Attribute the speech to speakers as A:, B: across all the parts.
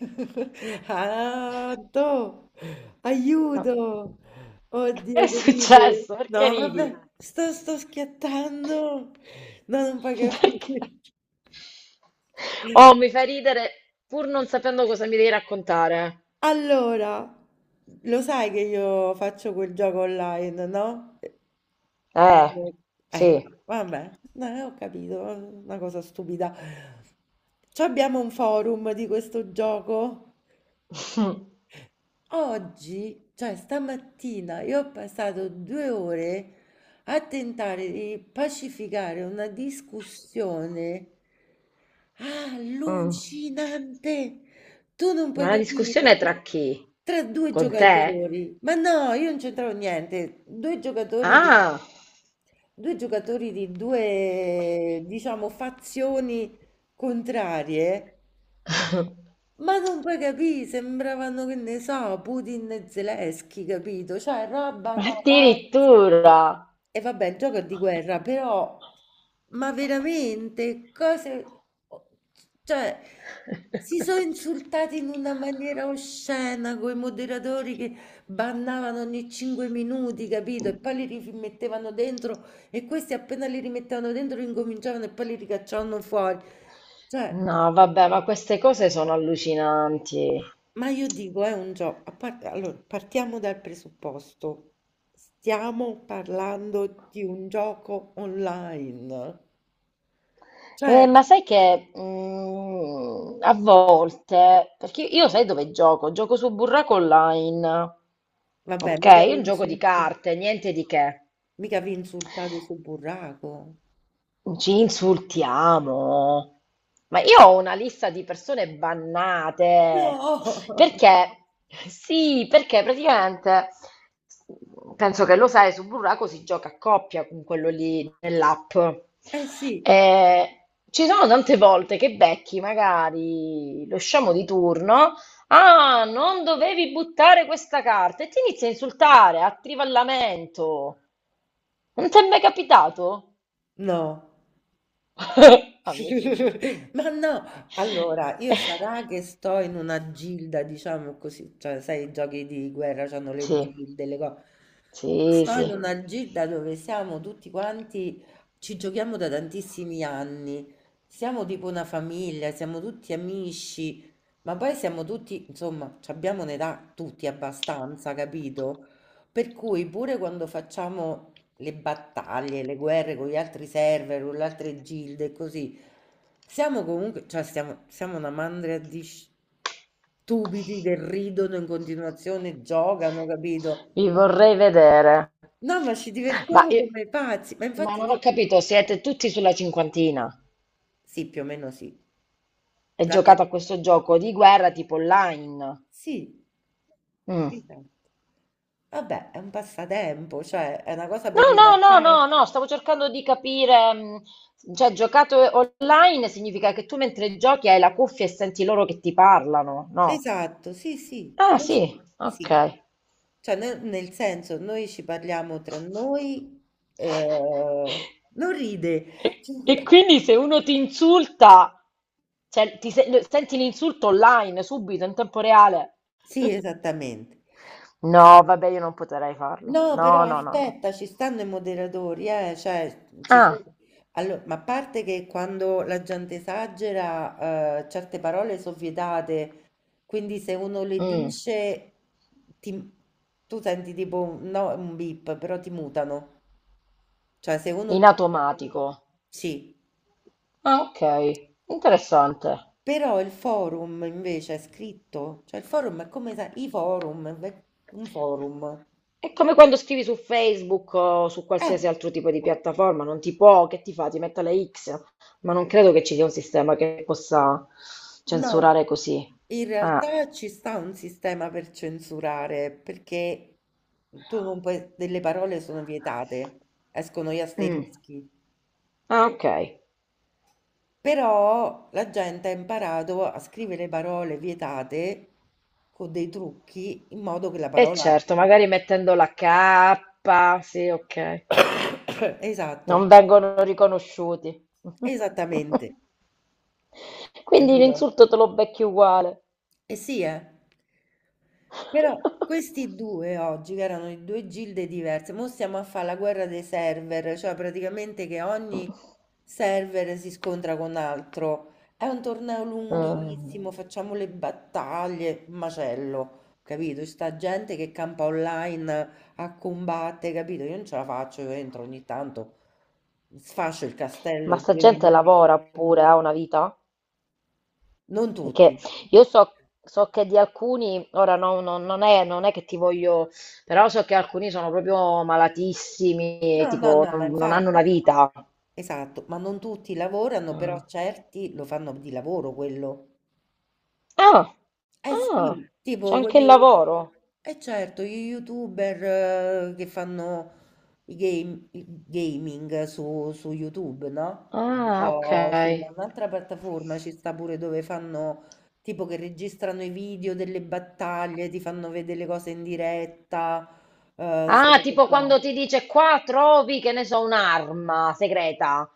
A: Ah, Anto,
B: No.
A: aiuto!
B: Che è
A: Oddio, che ride!
B: successo? Perché
A: No,
B: ridi?
A: vabbè, sto schiattando! No, non puoi
B: Perché?
A: capire.
B: Oh, mi fai ridere pur non sapendo cosa mi devi raccontare.
A: Allora, lo sai che io faccio quel gioco online, no?
B: Eh,
A: Eh, eh,
B: sì.
A: vabbè, no, ho capito, una cosa stupida. Ci abbiamo un forum di questo gioco? Oggi, cioè stamattina, io ho passato 2 ore a tentare di pacificare una discussione
B: Mm.
A: allucinante. Tu non puoi
B: Ma la discussione
A: capire.
B: è tra chi?
A: Tra due
B: Con te?
A: giocatori, ma no, io non c'entravo niente. Due giocatori di
B: Ah,
A: due giocatori di due, diciamo, fazioni contrarie, ma non puoi capì, sembravano, che ne so, Putin e Zelensky, capito? Cioè, roba da pazzi.
B: addirittura.
A: E vabbè, il gioco è di guerra, però, ma veramente, cose... Cioè, si sono insultati in una maniera oscena con i moderatori che bannavano ogni 5 minuti, capito? E poi li rimettevano dentro e questi appena li rimettevano dentro incominciavano e poi li ricacciavano fuori. Cioè...
B: No, vabbè, ma queste cose sono allucinanti.
A: Ma io dico, è un gioco. Allora, partiamo dal presupposto. Stiamo parlando di un gioco online. Cioè,
B: Ma sai che a volte, perché io sai dove gioco? Gioco su Burraco Online,
A: vabbè,
B: ok? Un gioco di carte, niente di che.
A: mica vi insultate sul burraco.
B: Ci insultiamo. Ma io ho una lista di persone bannate.
A: No!
B: Perché? Sì, perché praticamente penso che lo sai, su Burraco si gioca a coppia con quello lì nell'app.
A: Eh sì,
B: E ci sono tante volte che becchi magari lo sciamo di turno. Ah, non dovevi buttare questa carta e ti inizia a insultare a trivallamento. Non ti è mai capitato?
A: no.
B: A me sì.
A: Ma no, allora io sarà che sto in una gilda, diciamo così, cioè sai, i giochi di guerra hanno le
B: Sì,
A: gilde, le cose.
B: sì,
A: Sto
B: sì,
A: in una gilda dove siamo tutti quanti, ci giochiamo da tantissimi anni, siamo tipo una famiglia, siamo tutti amici, ma poi siamo tutti, insomma, ci abbiamo un'età tutti abbastanza, capito? Per cui pure quando facciamo le battaglie, le guerre con gli altri server, con le altre gilde e così, siamo comunque, cioè siamo una mandria di stupidi che ridono in continuazione, giocano, capito?
B: vi vorrei vedere.
A: No, ma ci
B: Ma,
A: divertiamo
B: E-
A: come pazzi, ma
B: ma
A: infatti
B: non ho
A: io
B: capito, siete tutti sulla cinquantina
A: sì, più o meno sì.
B: e
A: La mia...
B: giocate a questo gioco di guerra tipo online?
A: Sì.
B: Mm.
A: Esatto. Vabbè, è un passatempo, cioè è una cosa
B: No,
A: per
B: no, no, no,
A: rilassarsi.
B: no, stavo cercando di capire, cioè giocato online significa che tu mentre giochi hai la cuffia e senti loro che ti parlano, no?
A: Esatto, sì, sì,
B: Ah, sì,
A: sì.
B: ok.
A: Cioè, nel senso, noi ci parliamo tra noi, eh, non ride.
B: E, e quindi se uno ti insulta, cioè ti senti l'insulto online subito in tempo reale?
A: Sì, esattamente.
B: No, vabbè, io non potrei farlo.
A: No,
B: No,
A: però
B: no, no, no.
A: aspetta, ci stanno i moderatori, cioè, ci sono...
B: Ah,
A: Allora, ma a parte che quando la gente esagera, certe parole sono vietate, quindi se uno le
B: mm,
A: dice, ti- tu senti tipo, no, un beep, però ti mutano. Cioè, se
B: in
A: uno...
B: automatico.
A: Sì,
B: Ah, ok, interessante.
A: però il forum invece è scritto, cioè il forum è come i forum, è un forum.
B: È come quando scrivi su Facebook o su
A: Eh.
B: qualsiasi altro tipo di piattaforma, non ti può, che ti fa? Ti mette le X, ma non credo che ci sia un sistema che possa
A: No,
B: censurare così.
A: in
B: Ah,
A: realtà ci sta un sistema per censurare, perché tu non puoi, delle parole sono vietate, escono gli
B: mm.
A: asterischi,
B: Ah, ok.
A: però la gente ha imparato a scrivere parole vietate con dei trucchi in modo che la
B: E
A: parola...
B: certo, magari mettendo la K, sì, ok.
A: Esatto,
B: Non vengono riconosciuti.
A: esattamente,
B: Quindi
A: capito?
B: l'insulto te lo becchi uguale.
A: Eh sì, eh. Però questi due oggi, che erano in due gilde diverse, mo stiamo a fare la guerra dei server, cioè praticamente che ogni server si scontra con altro. È un torneo
B: Mm.
A: lunghissimo, facciamo le battaglie, macello, capito? C'è sta gente che campa online a combattere, capito? Io non ce la faccio, io entro ogni tanto, sfascio il
B: Ma
A: castello
B: sta
A: due
B: gente
A: minuti,
B: lavora pure, ha una vita?
A: non
B: Perché
A: tutti.
B: io so, che di alcuni, ora non è che ti voglio, però so che alcuni sono proprio malatissimi,
A: No, no,
B: tipo
A: no, ma
B: non hanno
A: infatti,
B: una vita.
A: esatto, ma non tutti lavorano, però
B: Ah.
A: certi lo fanno di lavoro quello.
B: Ah,
A: Eh
B: ah,
A: sì,
B: c'è
A: tipo
B: anche il
A: quelli,
B: lavoro.
A: eh certo, gli youtuber che fanno i gaming su YouTube, no?
B: Ah, ok.
A: O su un'altra piattaforma ci sta pure dove fanno, tipo che registrano i video delle battaglie, ti fanno vedere le cose in diretta, queste
B: Ah,
A: cose
B: tipo
A: qua.
B: quando ti dice qua trovi, che ne so, un'arma segreta,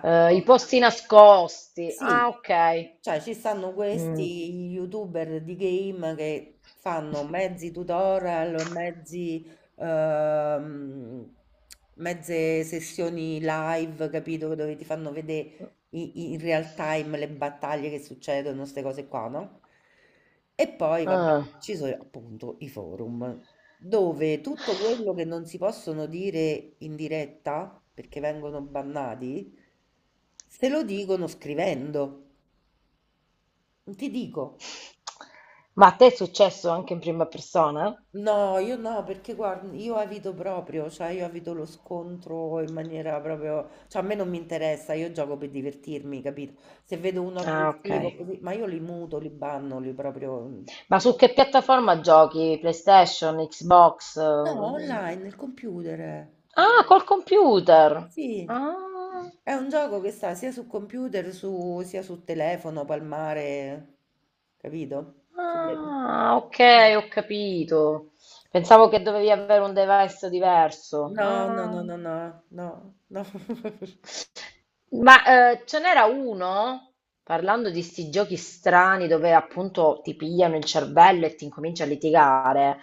B: i posti nascosti. Ah,
A: sì.
B: ok.
A: Cioè, ci stanno
B: Mm.
A: questi YouTuber di game che fanno mezzi tutorial, mezzi, ehm, mezze sessioni live, capito? Dove ti fanno vedere in, real time le battaglie che succedono, queste cose qua, no? E poi, vabbè,
B: Ah.
A: ci sono appunto i forum, dove tutto quello che non si possono dire in diretta, perché vengono bannati, se lo dicono scrivendo. Ti dico,
B: Ma a te è successo anche in prima persona?
A: no, io no, perché guarda, io evito proprio, cioè io evito lo scontro in maniera proprio, cioè a me non mi interessa, io gioco per divertirmi, capito? Se vedo uno
B: Ah, ok.
A: aggressivo così, ma io li muto, li banno, li proprio...
B: Ma su che piattaforma giochi? PlayStation, Xbox?
A: No,
B: Eh?
A: online, nel computer,
B: Ah, col computer.
A: sì.
B: Ah,
A: È un gioco che sta sia su computer, sia su telefono, palmare, capito?
B: ah, ok, ho capito. Pensavo che dovevi avere un device diverso.
A: No, no, no,
B: Ah.
A: no, no, no, no.
B: Ma ce n'era uno, parlando di sti giochi strani dove appunto ti pigliano il cervello e ti incominci a litigare.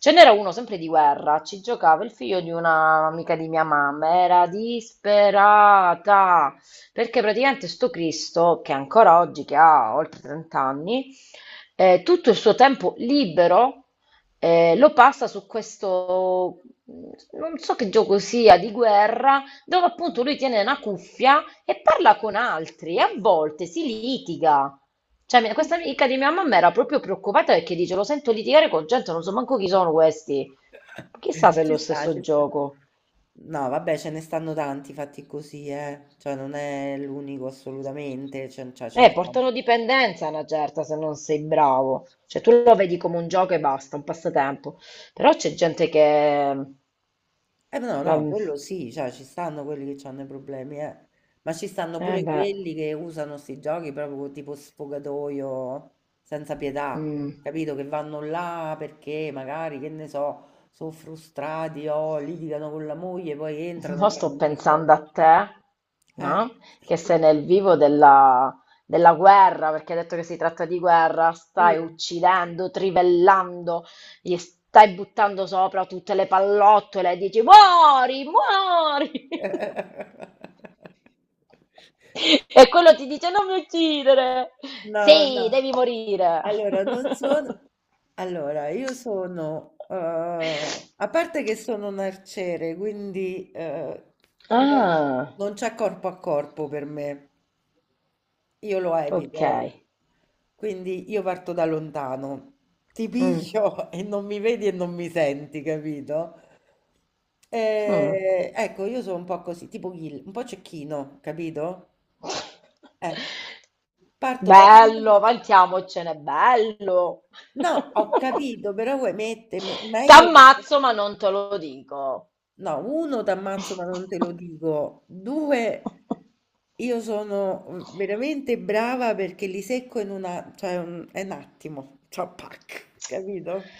B: Ce n'era uno sempre di guerra, ci giocava il figlio di un'amica di mia mamma, era disperata, perché praticamente sto Cristo, che ancora oggi, che ha oltre 30 anni, tutto il suo tempo libero lo passa su questo, non so che gioco sia, di guerra, dove appunto lui tiene una cuffia e parla con altri e a volte si litiga. Cioè, questa amica di mia mamma era proprio preoccupata perché dice: Lo sento litigare con gente, non so manco chi sono questi. Chissà se è
A: Ci
B: lo
A: sta,
B: stesso
A: ci sta.
B: gioco.
A: No, vabbè, ce ne stanno tanti fatti così, eh. Cioè, non è l'unico assolutamente, cioè, ce ne stanno.
B: Portano dipendenza a una certa se non sei bravo. Cioè, tu lo vedi come un gioco e basta, un passatempo. Però c'è gente che.
A: No, no,
B: la-
A: quello sì, cioè, ci stanno quelli che hanno i problemi, eh. Ma ci stanno
B: Eh
A: pure
B: beh.
A: quelli che usano sti giochi proprio tipo sfogatoio, senza pietà,
B: Mm.
A: capito? Che vanno là perché magari, che ne so, sono frustrati o litigano con la moglie, poi entrano e
B: Mo sto
A: fanno un macello.
B: pensando a te,
A: Eh,
B: no? Che sei nel vivo della guerra, perché hai detto che si tratta di guerra, stai
A: sì.
B: uccidendo, trivellando, gli stai buttando sopra tutte le pallottole e dici muori, muori!
A: No,
B: E quello ti dice non mi uccidere! Sì,
A: no.
B: devi morire!
A: Allora, non sono... Allora, io sono... a parte che sono un arciere, quindi no-
B: Ah,
A: non c'è corpo a corpo per me. Io lo
B: ok.
A: evito. Quindi io parto da lontano. Ti
B: Mm,
A: piglio e non mi vedi e non mi senti, capito?
B: mm.
A: Ecco, io sono un po' così, tipo Gil, un po' cecchino, capito? Eh. Parto da
B: Bello, vantiamocene, bello.
A: No, ho capito, però vuoi mettermi meglio di
B: T'ammazzo, ma non te lo dico.
A: No, uno t'ammazzo ma non te lo dico. Due, io sono veramente brava perché li secco in una, cioè un, è un attimo, cioè pac, capito?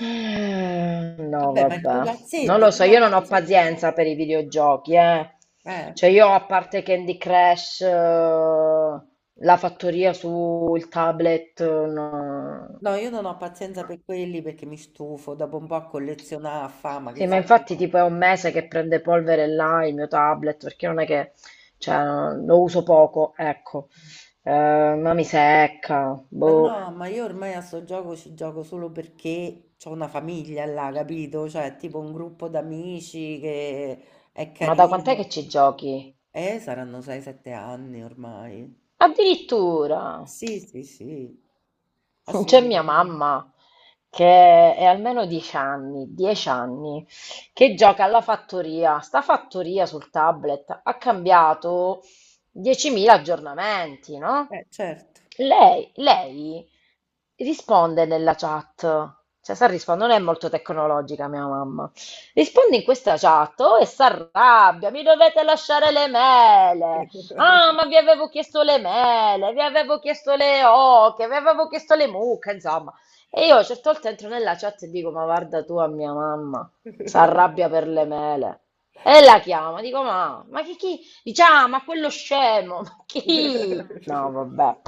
B: No,
A: Vabbè, ma il
B: vabbè. Non
A: pupazzetto,
B: lo so,
A: mica
B: io non ho
A: ammazzo.
B: pazienza per i videogiochi, eh.
A: Eh.
B: Cioè io a parte Candy Crush, la fattoria sul tablet, no,
A: No, io non ho pazienza
B: no,
A: per quelli perché mi stufo, dopo un po' a collezionare a fama, che
B: sì, ma
A: senso
B: infatti
A: c'è?
B: tipo è un mese che prende polvere là il mio tablet, perché non è che, cioè, no, lo uso poco, ecco. Ma mi secca,
A: Ma
B: boh.
A: no, ma io ormai a sto gioco ci gioco solo perché ho una famiglia là, capito? Cioè, tipo un gruppo d'amici che è
B: Ma da quant'è
A: carino.
B: che ci giochi?
A: Saranno 6-7 anni ormai.
B: Addirittura!
A: Sì, sì, sì,
B: C'è mia
A: assolutamente.
B: mamma, che è almeno 10 anni, 10 anni, che gioca alla fattoria. Sta fattoria sul tablet ha cambiato 10.000 aggiornamenti, no?
A: Certo.
B: Lei risponde nella chat, cioè sa rispondere, non è molto tecnologica mia mamma, risponde in questa chat oh, e si arrabbia, mi dovete lasciare le mele, ah ma vi avevo chiesto le mele, vi avevo chiesto le oche, vi avevo chiesto le mucche, insomma. E io a certe volte entro nella chat e dico ma guarda tu a mia mamma, si arrabbia per le mele. E la chiama, dico ma chi, dice, ah, ma quello scemo, ma chi? No, vabbè.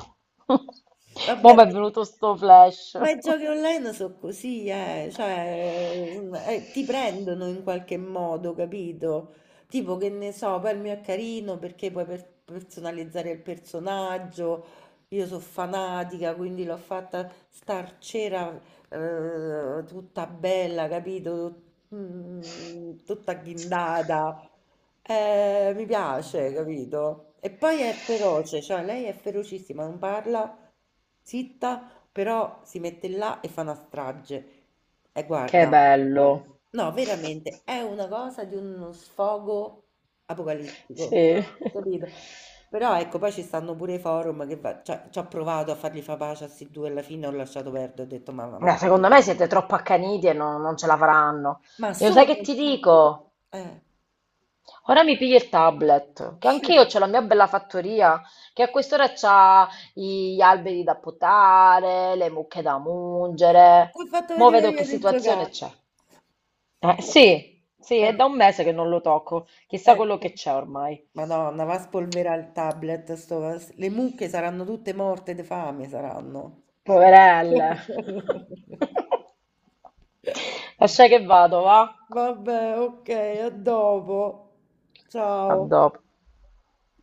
B: Mo'
A: Vabbè,
B: mi
A: ma,
B: è venuto sto flash.
A: ma i giochi online sono così, cioè, ti prendono in qualche modo, capito? Tipo che ne so, poi il mio è carino perché puoi personalizzare il personaggio. Io sono fanatica, quindi l'ho fatta star cera, tutta bella, capito? Tutta ghindata. Mi piace, capito? E poi è feroce, cioè lei è ferocissima, non parla zitta, però si mette là e fa una strage. E
B: Che
A: guarda,
B: bello.
A: no, veramente è una cosa di uno sfogo apocalittico.
B: Sì.
A: Capito? Però ecco, poi ci stanno pure i forum che cioè, ci ho provato a fargli fa pace a questi due, alla fine ho lasciato perdere, ho detto ma,
B: No, secondo me siete troppo accaniti e non ce la faranno.
A: ma
B: Io sai che
A: sono...
B: ti dico?
A: Eh.
B: Ora mi pigli il tablet, che anch'io c'ho la mia bella fattoria, che a quest'ora c'ha gli alberi da potare, le mucche da mungere.
A: Ti ho fatto
B: Mo'
A: venire
B: vedo
A: voglia
B: che
A: di
B: situazione
A: giocare.
B: c'è. Sì, sì,
A: Eh,
B: è da un mese che non lo tocco. Chissà quello
A: ecco.
B: che c'è ormai.
A: Madonna, va a spolverare il tablet, le mucche saranno tutte morte di fame, saranno.
B: Poverelle. Lascia che vado, va?
A: Vabbè, ok, a dopo.
B: A
A: Ciao.
B: dopo.